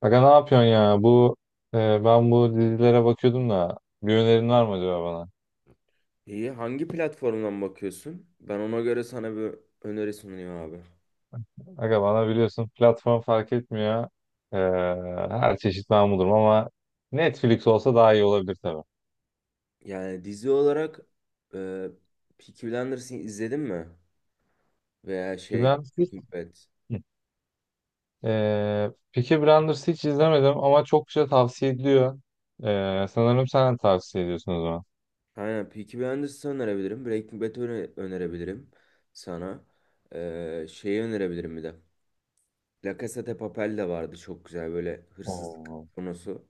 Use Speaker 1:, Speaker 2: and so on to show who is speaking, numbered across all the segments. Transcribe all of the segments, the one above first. Speaker 1: Aga ne yapıyorsun ya? Bu e, ben bu dizilere bakıyordum da bir önerin var mı acaba bana?
Speaker 2: İyi. Hangi platformdan bakıyorsun? Ben ona göre sana bir öneri sunuyorum abi.
Speaker 1: Aga bana biliyorsun platform fark etmiyor. E, her çeşit ben bulurum ama Netflix olsa daha iyi olabilir tabii.
Speaker 2: Yani dizi olarak e, Peaky Blinders'ı izledin mi? Veya
Speaker 1: Peaky
Speaker 2: şey
Speaker 1: Blinders hiç,
Speaker 2: Breaking Bad.
Speaker 1: Peaky Blinders hiç izlemedim ama çok güzel tavsiye ediliyor. Sanırım sen de tavsiye ediyorsun o zaman.
Speaker 2: Aynen Peaky Blinders'ı önerebilirim. Breaking Bad'ı önerebilirim sana. Şeyi önerebilirim bir de. La Casa de Papel de vardı, çok güzel böyle hırsızlık
Speaker 1: Oo.
Speaker 2: konusu.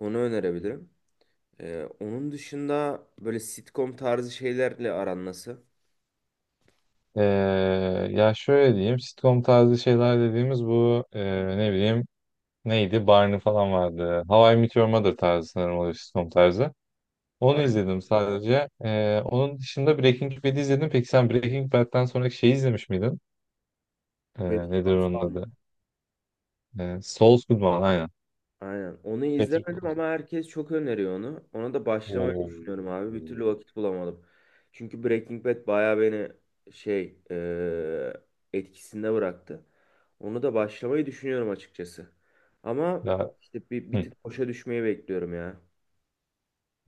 Speaker 2: Onu önerebilirim. Onun dışında böyle sitcom tarzı şeylerle aran nasıl?
Speaker 1: E, ya şöyle diyeyim, sitcom tarzı şeyler dediğimiz ne bileyim. Neydi? Barney falan vardı. How I Met Your Mother tarzı, sanırım o da sitcom tarzı. Onu
Speaker 2: Aynen.
Speaker 1: izledim sadece. Onun dışında Breaking Bad'i izledim. Peki sen Breaking Bad'den sonraki şeyi izlemiş miydin? Ee,
Speaker 2: Better
Speaker 1: nedir
Speaker 2: Call
Speaker 1: onun
Speaker 2: Saul mu?
Speaker 1: adı? Saul Goodman, aynen.
Speaker 2: Aynen. Onu
Speaker 1: Patrick
Speaker 2: izlemedim
Speaker 1: Wilson.
Speaker 2: ama herkes çok öneriyor onu. Ona da başlamayı
Speaker 1: Oo.
Speaker 2: düşünüyorum abi. Bir türlü vakit bulamadım. Çünkü Breaking Bad bayağı beni şey eee, etkisinde bıraktı. Onu da başlamayı düşünüyorum açıkçası. Ama
Speaker 1: Ya,
Speaker 2: işte bir
Speaker 1: hı.
Speaker 2: tık boşa düşmeyi bekliyorum ya.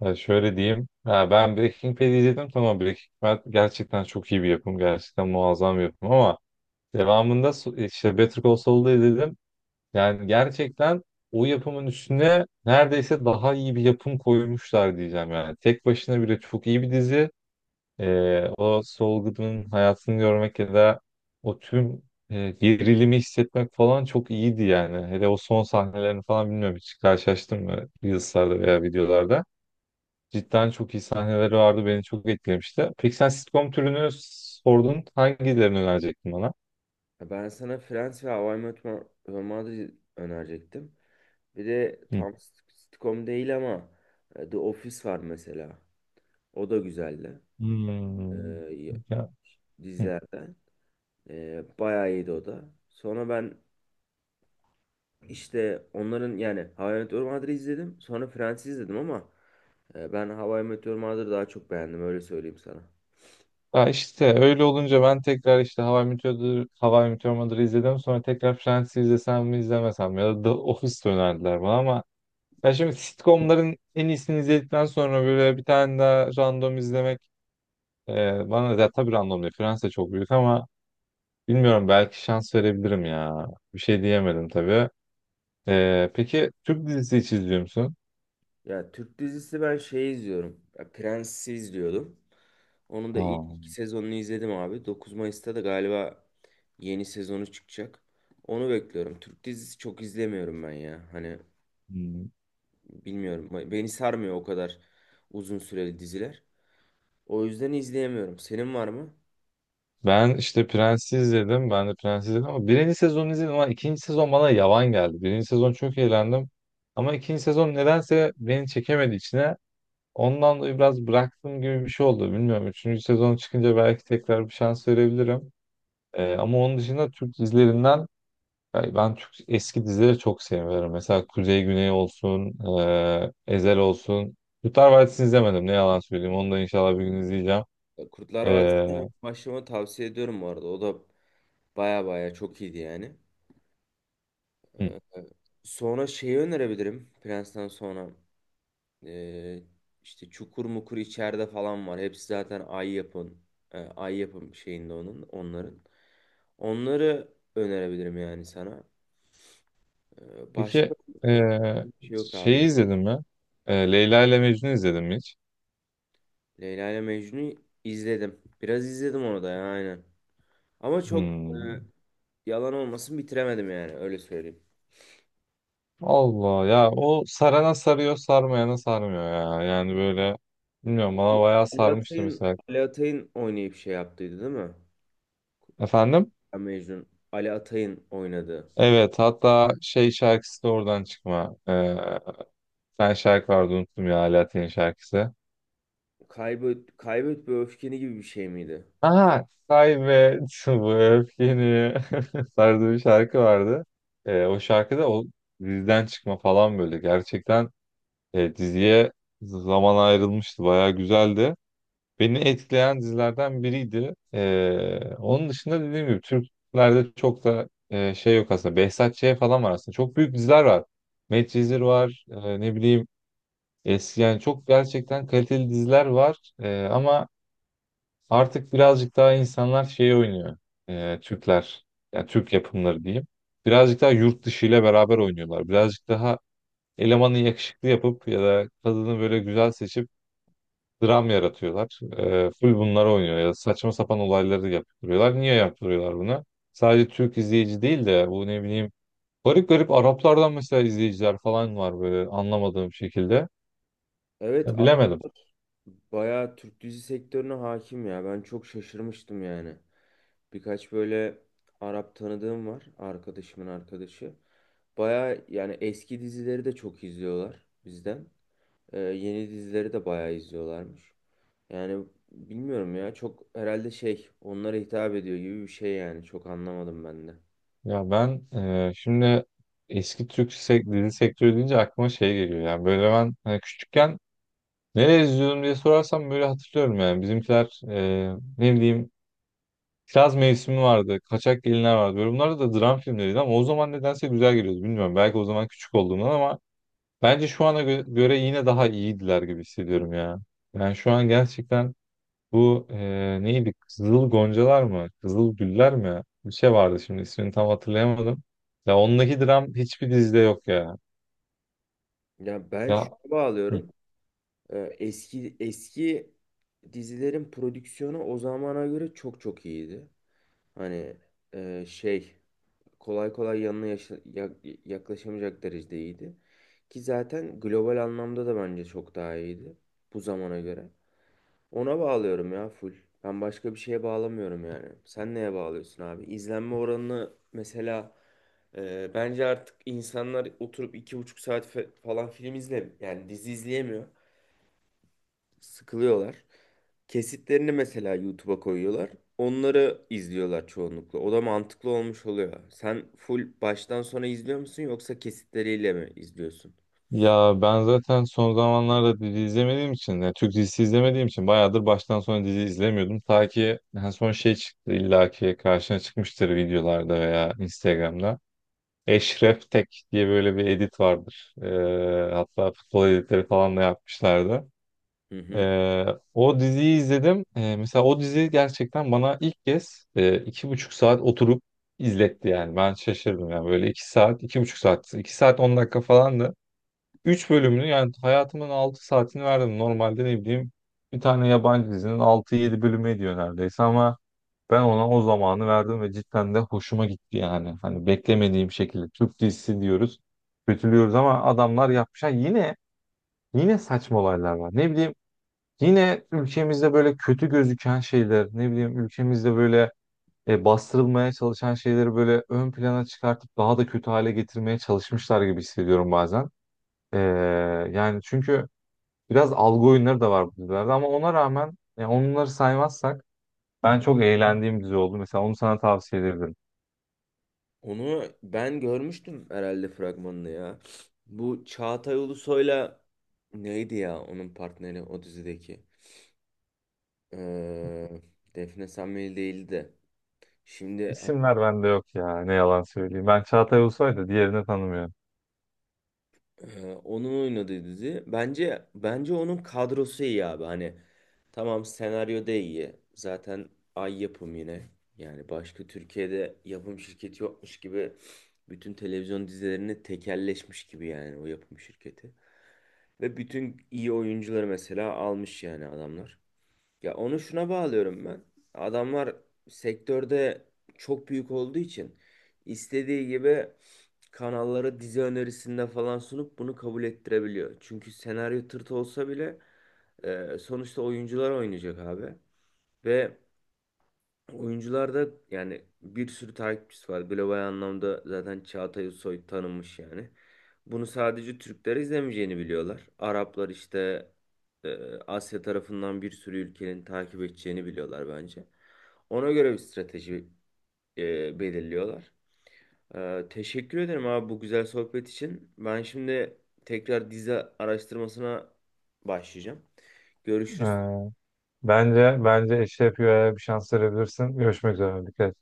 Speaker 1: Ya şöyle diyeyim. Ha, ben Breaking Bad'i izledim. Tamam, Breaking Bad gerçekten çok iyi bir yapım. Gerçekten muazzam bir yapım, ama devamında işte Better Call Saul'da izledim. Yani gerçekten o yapımın üstüne neredeyse daha iyi bir yapım koymuşlar diyeceğim yani. Tek başına bile çok iyi bir dizi. O Saul Goodman'ın hayatını görmek ya da o tüm gerilimi hissetmek falan çok iyiydi yani. Hele o son sahnelerini falan, bilmiyorum, hiç karşılaştın mı Reels'larda veya videolarda? Cidden çok iyi sahneleri vardı, beni çok etkilemişti. Peki sen sitcom türünü sordun, hangilerini önerecektin bana?
Speaker 2: Ya ben sana Friends ve How I Met Your Mother'ı önerecektim. Bir de
Speaker 1: Hı.
Speaker 2: tam sitcom değil ama The Office var mesela. O da güzeldi.
Speaker 1: Hmm.
Speaker 2: Eee
Speaker 1: Ya. Hı.
Speaker 2: dizilerden. Bayağı iyiydi o da. Sonra ben işte onların, yani How I Met Your Mother'ı izledim. Sonra Friends'i izledim ama ben How I Met Your Mother'ı daha çok beğendim, öyle söyleyeyim sana.
Speaker 1: Ya işte öyle olunca ben tekrar işte How I Met Your Mother'ı izledim. Sonra tekrar Friends'i izlesem mi izlemesem mi? Ya da The Office önerdiler bana ama ya, şimdi sitcomların en iyisini izledikten sonra böyle bir tane daha random izlemek bana da, tabii random değil. Friends de çok büyük ama bilmiyorum, belki şans verebilirim ya. Bir şey diyemedim tabii. Peki Türk dizisi hiç izliyor musun?
Speaker 2: Ya Türk dizisi ben şey izliyorum. Ya Prens'i izliyordum. Onun da
Speaker 1: Aa.
Speaker 2: ilk iki sezonunu izledim abi. 9 Mayıs'ta da galiba yeni sezonu çıkacak. Onu bekliyorum. Türk dizisi çok izlemiyorum ben ya. Hani bilmiyorum. Beni sarmıyor o kadar uzun süreli diziler. O yüzden izleyemiyorum. Senin var mı?
Speaker 1: Ben işte Prens'i izledim. Ben de Prens'i izledim ama birinci sezonu izledim, ama ikinci sezon bana yavan geldi. Birinci sezon çok eğlendim. Ama ikinci sezon nedense beni çekemedi içine. Ondan dolayı biraz bıraktım gibi bir şey oldu. Bilmiyorum, üçüncü sezon çıkınca belki tekrar bir şans verebilirim. Ama onun dışında Türk dizilerinden, yani ben Türk eski dizileri çok seviyorum. Mesela Kuzey Güney olsun, Ezel olsun. Kurtlar Vadisi'ni izlemedim, ne yalan söyleyeyim. Onu da inşallah bir gün izleyeceğim.
Speaker 2: Kurtlar Vadisi'ne
Speaker 1: Ee,
Speaker 2: ilk başlamanı tavsiye ediyorum bu arada. O da baya baya çok iyiydi yani.
Speaker 1: hı.
Speaker 2: Ee, Sonra şeyi önerebilirim. Prens'ten sonra ee, işte Çukur Mukur içeride falan var. Hepsi zaten Ay yapın. Ay yapım şeyinde onların. Onları önerebilirim yani sana. Başka
Speaker 1: Peki
Speaker 2: önerebileceğim
Speaker 1: eee,
Speaker 2: bir şey yok
Speaker 1: şeyi
Speaker 2: abi.
Speaker 1: izledin mi? Leyla ile Mecnun izledin mi hiç?
Speaker 2: Leyla ile Mecnun'u izledim. Biraz izledim onu da ya, aynen. Ama çok
Speaker 1: Hmm.
Speaker 2: yalan olmasın bitiremedim yani, öyle söyleyeyim.
Speaker 1: Allah ya, o sarana sarıyor, sarmayana sarmıyor ya. Yani böyle, bilmiyorum,
Speaker 2: Ali
Speaker 1: bana bayağı
Speaker 2: Ali
Speaker 1: sarmıştı
Speaker 2: Atay'ın
Speaker 1: mesela.
Speaker 2: Ali Atay'ın oynayıp şey yaptıydı değil mi?
Speaker 1: Efendim?
Speaker 2: Ya Mecnun. Ali Atay'ın oynadı.
Speaker 1: Evet, hatta şey, şarkısı da oradan çıkma. Ben, şarkı vardı, unuttum ya, Alaaddin'in şarkısı.
Speaker 2: Kaybet, kaybet ve öfkeni gibi bir şey miydi?
Speaker 1: Aha, kaybet bu öfkeni tarzı bir şarkı vardı. O şarkı o dizden çıkma falan, böyle gerçekten diziye zaman ayrılmıştı. Bayağı güzeldi. Beni etkileyen dizilerden biriydi. Onun dışında, dediğim gibi, Türklerde çok da şey yok aslında. Behzat Ç. falan var aslında. Çok büyük diziler var. Medcezir var. Ne bileyim, eski, yani çok gerçekten kaliteli diziler var. Ama artık birazcık daha insanlar şey oynuyor. Türkler. Yani Türk yapımları diyeyim. Birazcık daha yurt dışı ile beraber oynuyorlar. Birazcık daha elemanı yakışıklı yapıp ya da kadını böyle güzel seçip dram yaratıyorlar. Full bunları oynuyor ya da saçma sapan olayları yaptırıyorlar. Niye yaptırıyorlar bunu? Sadece Türk izleyici değil de bu, ne bileyim, garip garip Araplardan mesela izleyiciler falan var böyle, anlamadığım şekilde.
Speaker 2: Evet,
Speaker 1: Ya, bilemedim.
Speaker 2: Araplar bayağı Türk dizi sektörüne hakim ya. Ben çok şaşırmıştım yani. Birkaç böyle Arap tanıdığım var. Arkadaşımın arkadaşı. Bayağı yani eski dizileri de çok izliyorlar bizden. Yeni dizileri de bayağı izliyorlarmış. Yani bilmiyorum ya, çok herhalde şey onlara hitap ediyor gibi bir şey, yani çok anlamadım ben de.
Speaker 1: Ya ben şimdi eski Türk sek dizi sektörü deyince aklıma şey geliyor. Yani böyle, ben hani küçükken nereye izliyordum diye sorarsam böyle hatırlıyorum yani. Bizimkiler, ne bileyim, Kiraz Mevsimi vardı. Kaçak Gelinler vardı. Böyle, bunlar da dram filmleriydi ama o zaman nedense güzel geliyordu. Bilmiyorum, belki o zaman küçük olduğumdan, ama bence şu ana göre yine daha iyiydiler gibi hissediyorum ya. Yani şu an gerçekten, bu neydi? Kızıl Goncalar mı? Kızıl Güller mi? Bir şey vardı, şimdi ismini tam hatırlayamadım. Ya ondaki dram hiçbir dizide yok ya.
Speaker 2: Ya ben
Speaker 1: Ya
Speaker 2: şuna bağlıyorum. Eski dizilerin prodüksiyonu o zamana göre çok çok iyiydi. Hani şey kolay kolay yanına yaklaşamayacak derecede iyiydi. Ki zaten global anlamda da bence çok daha iyiydi bu zamana göre. Ona bağlıyorum ya full. Ben başka bir şeye bağlamıyorum yani. Sen neye bağlıyorsun abi? İzlenme oranını mesela, bence artık insanlar oturup 2,5 saat falan film izle, yani dizi izleyemiyor. Sıkılıyorlar. Kesitlerini mesela YouTube'a koyuyorlar. Onları izliyorlar çoğunlukla. O da mantıklı olmuş oluyor. Sen full baştan sona izliyor musun, yoksa kesitleriyle mi izliyorsun?
Speaker 1: Ya ben zaten son zamanlarda dizi izlemediğim için, yani Türk dizisi izlemediğim için, bayağıdır baştan sona dizi izlemiyordum. Ta ki en son şey çıktı, illaki karşına çıkmıştır videolarda veya Instagram'da. Eşref Tek diye böyle bir edit vardır. Hatta futbol editleri falan da yapmışlardı.
Speaker 2: Hı hı.
Speaker 1: Ee, o diziyi izledim. Mesela o dizi gerçekten bana ilk kez 2,5 saat oturup izletti yani. Ben şaşırdım yani, böyle 2 saat, 2,5 saat, 2 saat 10 dakika falandı. 3 bölümünü, yani hayatımın 6 saatini verdim. Normalde, ne bileyim, bir tane yabancı dizinin 6-7 bölümü ediyor neredeyse, ama ben ona o zamanı verdim ve cidden de hoşuma gitti yani. Hani, beklemediğim şekilde, Türk dizisi diyoruz, kötülüyoruz ama adamlar yapmış. Ha, yine saçma olaylar var. Ne bileyim, yine ülkemizde böyle kötü gözüken şeyler, ne bileyim, ülkemizde böyle bastırılmaya çalışan şeyleri böyle ön plana çıkartıp daha da kötü hale getirmeye çalışmışlar gibi hissediyorum bazen. Ee, yani çünkü biraz algı oyunları da var bu dizilerde, ama ona rağmen, yani onları saymazsak, ben çok eğlendiğim dizi oldu. Mesela onu sana tavsiye ederim.
Speaker 2: Onu ben görmüştüm herhalde fragmanını ya. Bu Çağatay Ulusoy'la neydi ya onun partneri o dizideki? Ee, Defne Samveli değildi de. Şimdi
Speaker 1: İsimler bende yok ya, ne yalan söyleyeyim. Ben Çağatay Ulusoy da diğerini tanımıyorum.
Speaker 2: onun oynadığı dizi. Bence onun kadrosu iyi abi. Hani tamam, senaryo da iyi. Zaten Ay yapım yine. Yani başka Türkiye'de yapım şirketi yokmuş gibi, bütün televizyon dizilerini tekelleşmiş gibi yani o yapım şirketi. Ve bütün iyi oyuncuları mesela almış yani adamlar. Ya onu şuna bağlıyorum ben. Adamlar sektörde çok büyük olduğu için istediği gibi kanallara dizi önerisinde falan sunup bunu kabul ettirebiliyor. Çünkü senaryo tırtı olsa bile sonuçta oyuncular oynayacak abi. Ve oyuncularda yani bir sürü takipçisi var. Global anlamda zaten Çağatay Ulusoy tanınmış yani. Bunu sadece Türkler izlemeyeceğini biliyorlar. Araplar işte Asya tarafından bir sürü ülkenin takip edeceğini biliyorlar bence. Ona göre bir strateji belirliyorlar. Teşekkür ederim abi bu güzel sohbet için. Ben şimdi tekrar dizi araştırmasına başlayacağım. Görüşürüz.
Speaker 1: Ee, bence Eşref Rüya'ya bir şans verebilirsin. Görüşmek üzere. Dikkat et.